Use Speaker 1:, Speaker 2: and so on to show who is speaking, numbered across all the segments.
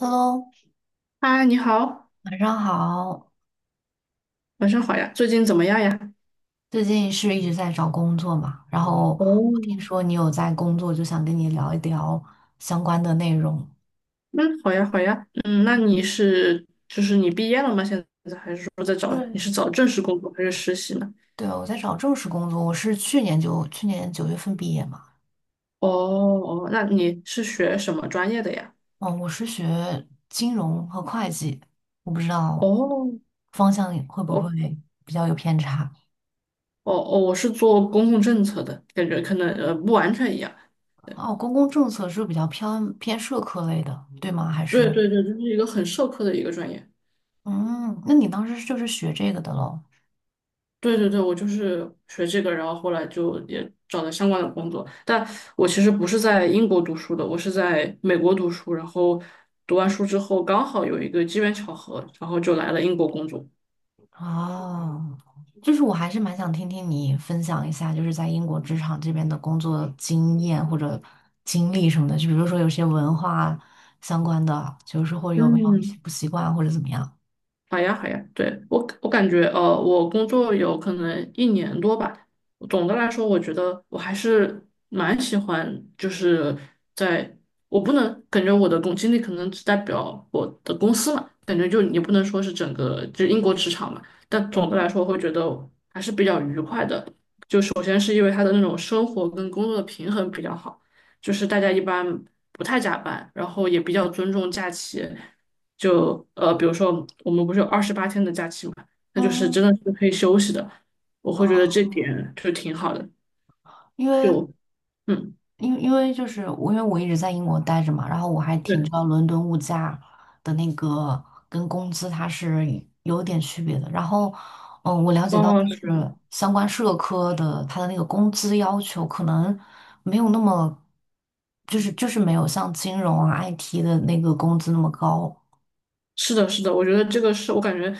Speaker 1: Hello，
Speaker 2: 嗨，你好，
Speaker 1: 晚上好。
Speaker 2: 晚上好呀，最近怎么样呀？
Speaker 1: 最近是一直在找工作嘛，然后我听
Speaker 2: 哦，
Speaker 1: 说你有在工作，就想跟你聊一聊相关的内容。
Speaker 2: 嗯，好呀，好呀，嗯，那你是就是你毕业了吗？现在还是说在找你
Speaker 1: 对，
Speaker 2: 是找正式工作还是实习呢？
Speaker 1: 对，我在找正式工作，我是去年九月份毕业嘛。
Speaker 2: 哦哦，那你是学什么专业的呀？
Speaker 1: 嗯，我是学金融和会计，我不知道
Speaker 2: 哦
Speaker 1: 方向会不
Speaker 2: 哦
Speaker 1: 会比较有偏差。
Speaker 2: 哦哦，我是做公共政策的，感觉可能不完全一样。
Speaker 1: 哦，公共政策是比较偏社科类的，对吗？还
Speaker 2: 对
Speaker 1: 是
Speaker 2: 对对，就是一个很社科的一个专业。
Speaker 1: 嗯，那你当时就是学这个的喽？
Speaker 2: 对对对，我就是学这个，然后后来就也找了相关的工作。但我其实不是在英国读书的，我是在美国读书，然后读完书之后刚好有一个机缘巧合，然后就来了英国工作。
Speaker 1: 哦，就是我还是蛮想听听你分享一下，就是在英国职场这边的工作经验或者经历什么的，就比如说有些文化相关的，就是或有没有一些
Speaker 2: 嗯，
Speaker 1: 不习惯或者怎么样。
Speaker 2: 好呀，好呀，对，我感觉，我工作有可能1年多吧。总的来说，我觉得我还是蛮喜欢，就是在我不能感觉我的工经历可能只代表我的公司嘛，感觉就也不能说是整个就英国职场嘛。但总的来说，我会觉得还是比较愉快的。就首先是因为他的那种生活跟工作的平衡比较好，就是大家一般不太加班，然后也比较尊重假期。就比如说我们不是有28天的假期嘛，那就是真
Speaker 1: 嗯，
Speaker 2: 的是可以休息的，我会觉得
Speaker 1: 哦，
Speaker 2: 这点就挺好的，
Speaker 1: 因为
Speaker 2: 就嗯，
Speaker 1: 因为我一直在英国待着嘛，然后我还挺知
Speaker 2: 对，
Speaker 1: 道伦敦物价的那个跟工资它是有点区别的。然后，我了解
Speaker 2: 往
Speaker 1: 到
Speaker 2: 往
Speaker 1: 就
Speaker 2: 是。
Speaker 1: 是相关社科的它的那个工资要求可能没有那么，就是没有像金融啊 IT 的那个工资那么高。
Speaker 2: 是的，是的，我觉得这个是我感觉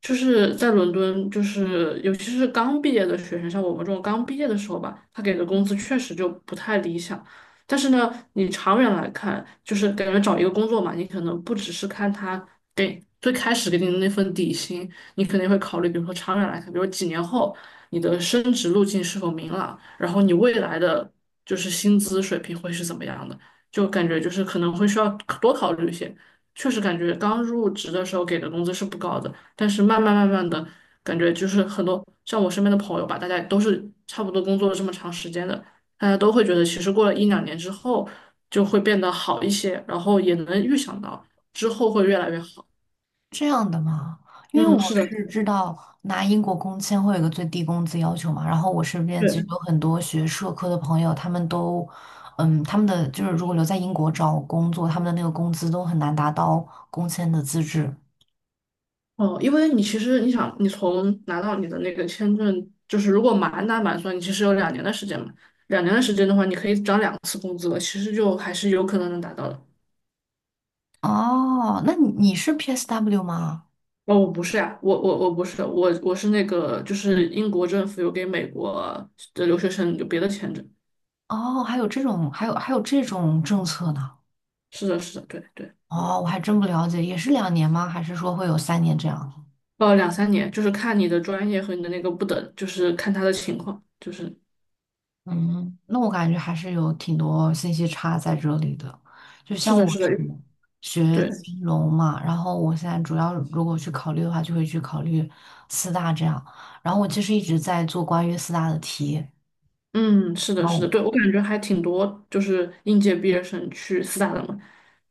Speaker 2: 就是在伦敦，就是尤其是刚毕业的学生，像我们这种刚毕业的时候吧，他给的工资确实就不太理想。但是呢，你长远来看，就是感觉找一个工作嘛，你可能不只是看他给最开始给你的那份底薪，你肯定会考虑，比如说长远来看，比如几年后你的升职路径是否明朗，然后你未来的就是薪资水平会是怎么样的。就感觉就是可能会需要多考虑一些。确实感觉刚入职的时候给的工资是不高的，但是慢慢慢慢的感觉就是很多像我身边的朋友吧，大家都是差不多工作了这么长时间的，大家都会觉得其实过了一两年之后就会变得好一些，然后也能预想到之后会越来越好。
Speaker 1: 这样的吗？因为
Speaker 2: 嗯，
Speaker 1: 我
Speaker 2: 是的，是
Speaker 1: 是
Speaker 2: 的
Speaker 1: 知道拿英国工签会有一个最低工资要求嘛，然后我身边
Speaker 2: 对，
Speaker 1: 其实有很多学社科的朋友，他们的就是如果留在英国找工作，他们的那个工资都很难达到工签的资质。
Speaker 2: 哦，因为你其实你想，你从拿到你的那个签证，就是如果满打满算，你其实有两年的时间嘛，两年的时间的话，你可以涨2次工资了，其实就还是有可能能达到的。
Speaker 1: 哦，那你是 PSW 吗？
Speaker 2: 哦，我不是呀、我不是，我是那个，就是英国政府有给美国的留学生有别的签证。
Speaker 1: 哦，还有这种政策呢？
Speaker 2: 是的，是的，对对，
Speaker 1: 哦，我还真不了解，也是两年吗？还是说会有三年这样？
Speaker 2: 两三年，就是看你的专业和你的那个不等，就是看他的情况，就是
Speaker 1: 嗯，那我感觉还是有挺多信息差在这里的。就
Speaker 2: 是
Speaker 1: 像
Speaker 2: 的，
Speaker 1: 我
Speaker 2: 是的，
Speaker 1: 是学
Speaker 2: 对，
Speaker 1: 金融嘛，然后我现在主要如果去考虑的话，就会去考虑四大这样。然后我其实一直在做关于四大的题，
Speaker 2: 嗯，是
Speaker 1: 然
Speaker 2: 的，是的，
Speaker 1: 后
Speaker 2: 对，我感觉还挺多，就是应届毕业生去四大的嘛，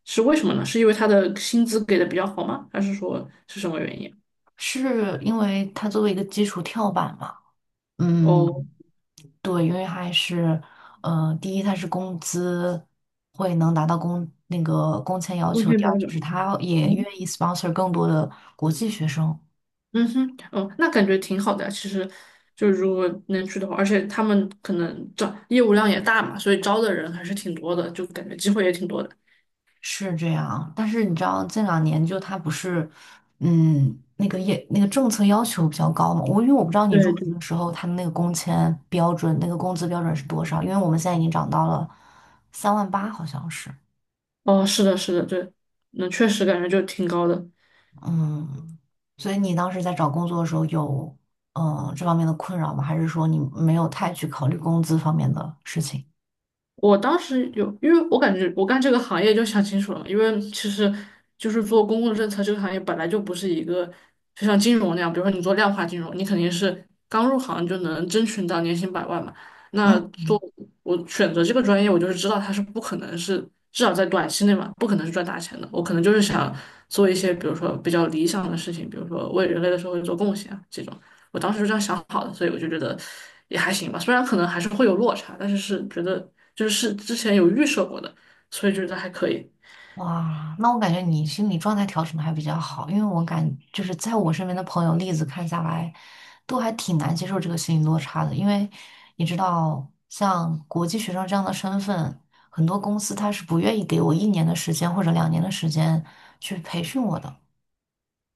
Speaker 2: 是为什么呢？是因为他的薪资给的比较好吗？还是说是什么原因？
Speaker 1: 是因为它作为一个基础跳板嘛。嗯，
Speaker 2: 哦，
Speaker 1: 对，因为还是，第一它是工资会能达到工那个工签要
Speaker 2: 中
Speaker 1: 求，
Speaker 2: 间
Speaker 1: 第
Speaker 2: 标
Speaker 1: 二就是
Speaker 2: 准。
Speaker 1: 它也愿意 sponsor 更多的国际学生。
Speaker 2: 嗯哼，哦，那感觉挺好的啊。其实，就如果能去的话，而且他们可能招业务量也大嘛，所以招的人还是挺多的，就感觉机会也挺多的。
Speaker 1: 是这样，但是你知道这两年就他不是，那个政策要求比较高嘛。因为我不知道你入
Speaker 2: 对
Speaker 1: 职
Speaker 2: 对，
Speaker 1: 的时候他们那个工签标准，那个工资标准是多少，因为我们现在已经涨到了三万八，好像是。
Speaker 2: 哦，是的，是的，对，那确实感觉就挺高的。
Speaker 1: 嗯，所以你当时在找工作的时候有这方面的困扰吗？还是说你没有太去考虑工资方面的事情？
Speaker 2: 我当时有，因为我感觉我干这个行业就想清楚了，因为其实就是做公共政策这个行业本来就不是一个就像金融那样，比如说你做量化金融，你肯定是刚入行就能争取到年薪百万嘛。那做我选择这个专业，我就是知道它是不可能是至少在短期内嘛，不可能是赚大钱的。我可能就是想做一些比如说比较理想的事情，比如说为人类的社会做贡献啊这种。我当时就这样想好的，所以我就觉得也还行吧。虽然可能还是会有落差，但是是觉得就是是之前有预设过的，所以觉得还可以。
Speaker 1: 哇，那我感觉你心理状态调整的还比较好，因为就是在我身边的朋友例子看下来，都还挺难接受这个心理落差的，因为你知道，像国际学生这样的身份，很多公司他是不愿意给我一年的时间或者两年的时间去培训我的。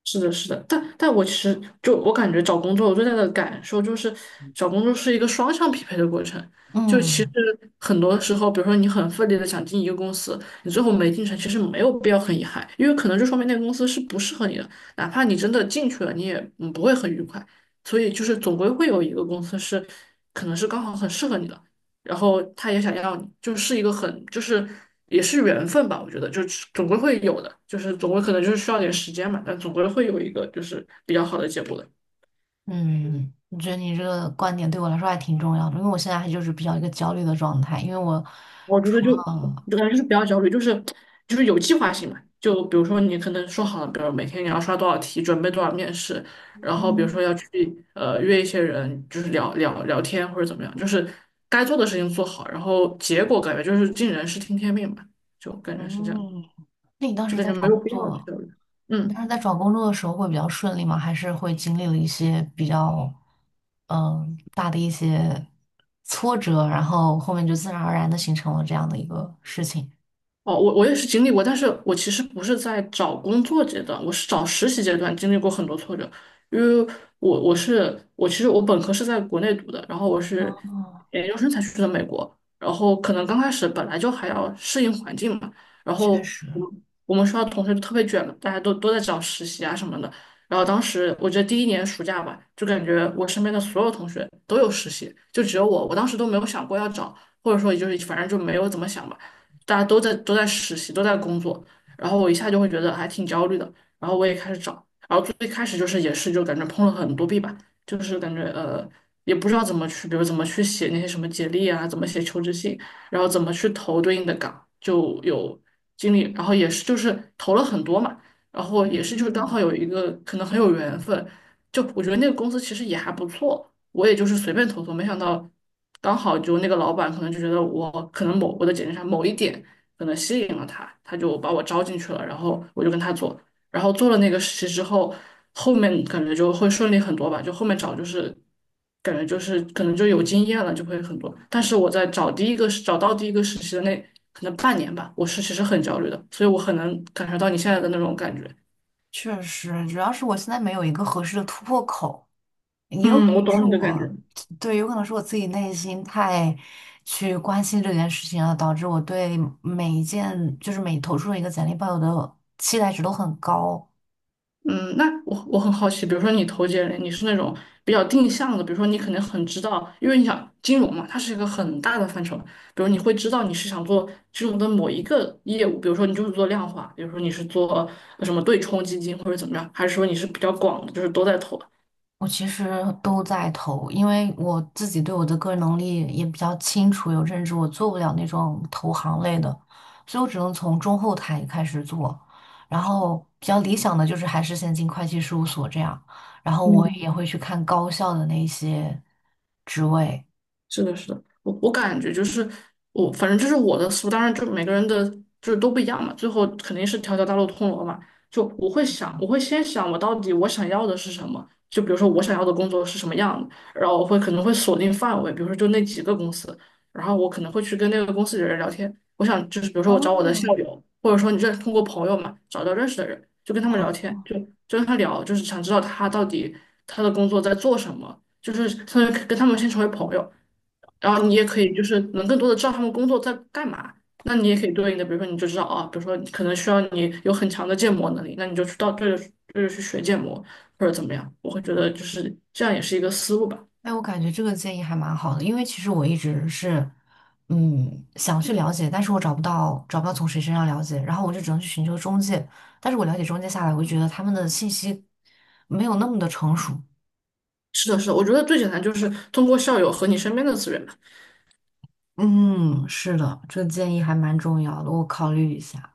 Speaker 2: 是的，是的，但但我其实就我感觉找工作，我最大的感受就是找工作是一个双向匹配的过程。就其实
Speaker 1: 嗯
Speaker 2: 很多时候，比如说你很奋力的想进一个公司，你最后没进成，其实没有必要很遗憾，因为可能就说明那个公司是不适合你的，哪怕你真的进去了，你也不会很愉快。所以就是总归会有一个公司是可能是刚好很适合你的，然后他也想要你，就是一个很就是也是缘分吧，我觉得就是总归会有的，就是总归可能就是需要点时间嘛，但总归会有一个就是比较好的结果的。
Speaker 1: 嗯，我觉得你这个观点对我来说还挺重要的，因为我现在还就是比较一个焦虑的状态。因为我
Speaker 2: 我觉得
Speaker 1: 除
Speaker 2: 就
Speaker 1: 了
Speaker 2: 就感觉就是不要焦虑，就是就是有计划性嘛。就比如说你可能说好了，比如每天你要刷多少题，准备多少面试，然后比如说
Speaker 1: 嗯
Speaker 2: 要去约一些人，就是聊聊聊天或者怎么样，就是该做的事情做好，然后结果感觉就是尽人事听天命吧，就感觉是这样，
Speaker 1: 嗯，那你当
Speaker 2: 就
Speaker 1: 时
Speaker 2: 感
Speaker 1: 在
Speaker 2: 觉没
Speaker 1: 找
Speaker 2: 有
Speaker 1: 工
Speaker 2: 必要去
Speaker 1: 作？
Speaker 2: 焦虑。
Speaker 1: 你
Speaker 2: 嗯。
Speaker 1: 当时在找工作的时候会比较顺利吗？还是会经历了一些比较大的一些挫折，然后后面就自然而然的形成了这样的一个事情？
Speaker 2: 哦，我也是经历过，但是我其实不是在找工作阶段，我是找实习阶段经历过很多挫折，因为我我是我其实我本科是在国内读的，然后我是
Speaker 1: 哦，
Speaker 2: 研究生才去的美国，然后可能刚开始本来就还要适应环境嘛，然
Speaker 1: 确
Speaker 2: 后
Speaker 1: 实，
Speaker 2: 我们学校同学就特别卷嘛，大家都在找实习啊什么的，然后当时我觉得第一年暑假吧，就感觉我身边的所有同学都有实习，就只有我，我当时都没有想过要找，或者说也就是反正就没有怎么想吧。大家都在都在实习，都在工作，然后我一下就会觉得还挺焦虑的，然后我也开始找，然后最开始就是也是就感觉碰了很多壁吧，就是感觉也不知道怎么去，比如怎么去写那些什么简历啊，怎么写求职信，然后怎么去投对应的岗，就有经历，然后也是就是投了很多嘛，然后也
Speaker 1: 嗯
Speaker 2: 是就是刚
Speaker 1: 嗯，
Speaker 2: 好有一个可能很有缘分，就我觉得那个公司其实也还不错。我也就是随便投投，没想到刚好就那个老板可能就觉得我可能某我的简历上某一点可能吸引了他，他就把我招进去了，然后我就跟他做，然后做了那个实习之后，后面感觉就会顺利很多吧，就后面找就是感觉就是可能就有经验了，就会很多。但是我在找第一个找到第一个实习的那可能半年吧，我是其实很焦虑的，所以我很能感受到你现在的那种感觉。
Speaker 1: 确实，主要是我现在没有一个合适的突破口，也有可
Speaker 2: 嗯，我
Speaker 1: 能是
Speaker 2: 懂。
Speaker 1: 我，对，有可能是我自己内心太去关心这件事情了，导致我对每一件就是每投出的一个简历抱有的期待值都很高。
Speaker 2: 嗯，那我很好奇，比如说你投简历，你是那种比较定向的，比如说你可能很知道，因为你想金融嘛，它是一个很大的范畴，比如你会知道你是想做金融的某一个业务，比如说你就是做量化，比如说你是做什么对冲基金或者怎么样，还是说你是比较广的，就是都在投？
Speaker 1: 我其实都在投，因为我自己对我的个人能力也比较清楚，有认知，我做不了那种投行类的，所以我只能从中后台开始做。然后比较理想的就是还是先进会计事务所这样，然后我也
Speaker 2: 嗯。
Speaker 1: 会去看高校的那些职位。
Speaker 2: 是的，是的，我感觉就是我，反正就是我的思路，当然就每个人的就是都不一样嘛，最后肯定是条条大路通罗马。就我会想，我会先想我到底我想要的是什么，就比如说我想要的工作是什么样的，然后我会可能会锁定范围，比如说就那几个公司，然后我可能会去跟那个公司的人聊天，我想就是比如
Speaker 1: 哦
Speaker 2: 说我找我的校友，或者说你这通过朋友嘛找到认识的人，就跟他们聊天，就跟他聊，就是想知道他到底他的工作在做什么，就是相当于跟他们先成为朋友。然后你也可以就是能更多的知道他们工作在干嘛。那你也可以对应的，比如说你就知道啊，比如说你可能需要你有很强的建模能力，那你就去到对着对着去学建模或者怎么样。我会觉得就是这样也是一个思路吧。
Speaker 1: 哎，我感觉这个建议还蛮好的，因为其实我一直是，想去了解，但是我找不到，找不到从谁身上了解，然后我就只能去寻求中介，但是我了解中介下来，我就觉得他们的信息没有那么的成熟。
Speaker 2: 是的，是的，我觉得最简单就是通过校友和你身边的资源吧。
Speaker 1: 嗯，是的，这个建议还蛮重要的，我考虑一下。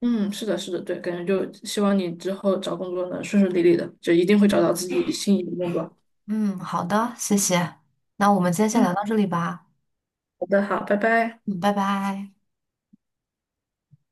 Speaker 2: 嗯，是的，是的，对，感觉就希望你之后找工作能顺顺利利的，就一定会找到自己心仪的工作。
Speaker 1: 嗯，好的，谢谢。那我们今天先
Speaker 2: 嗯，
Speaker 1: 聊到这里吧。
Speaker 2: 好的，好，拜拜。
Speaker 1: 嗯，拜拜。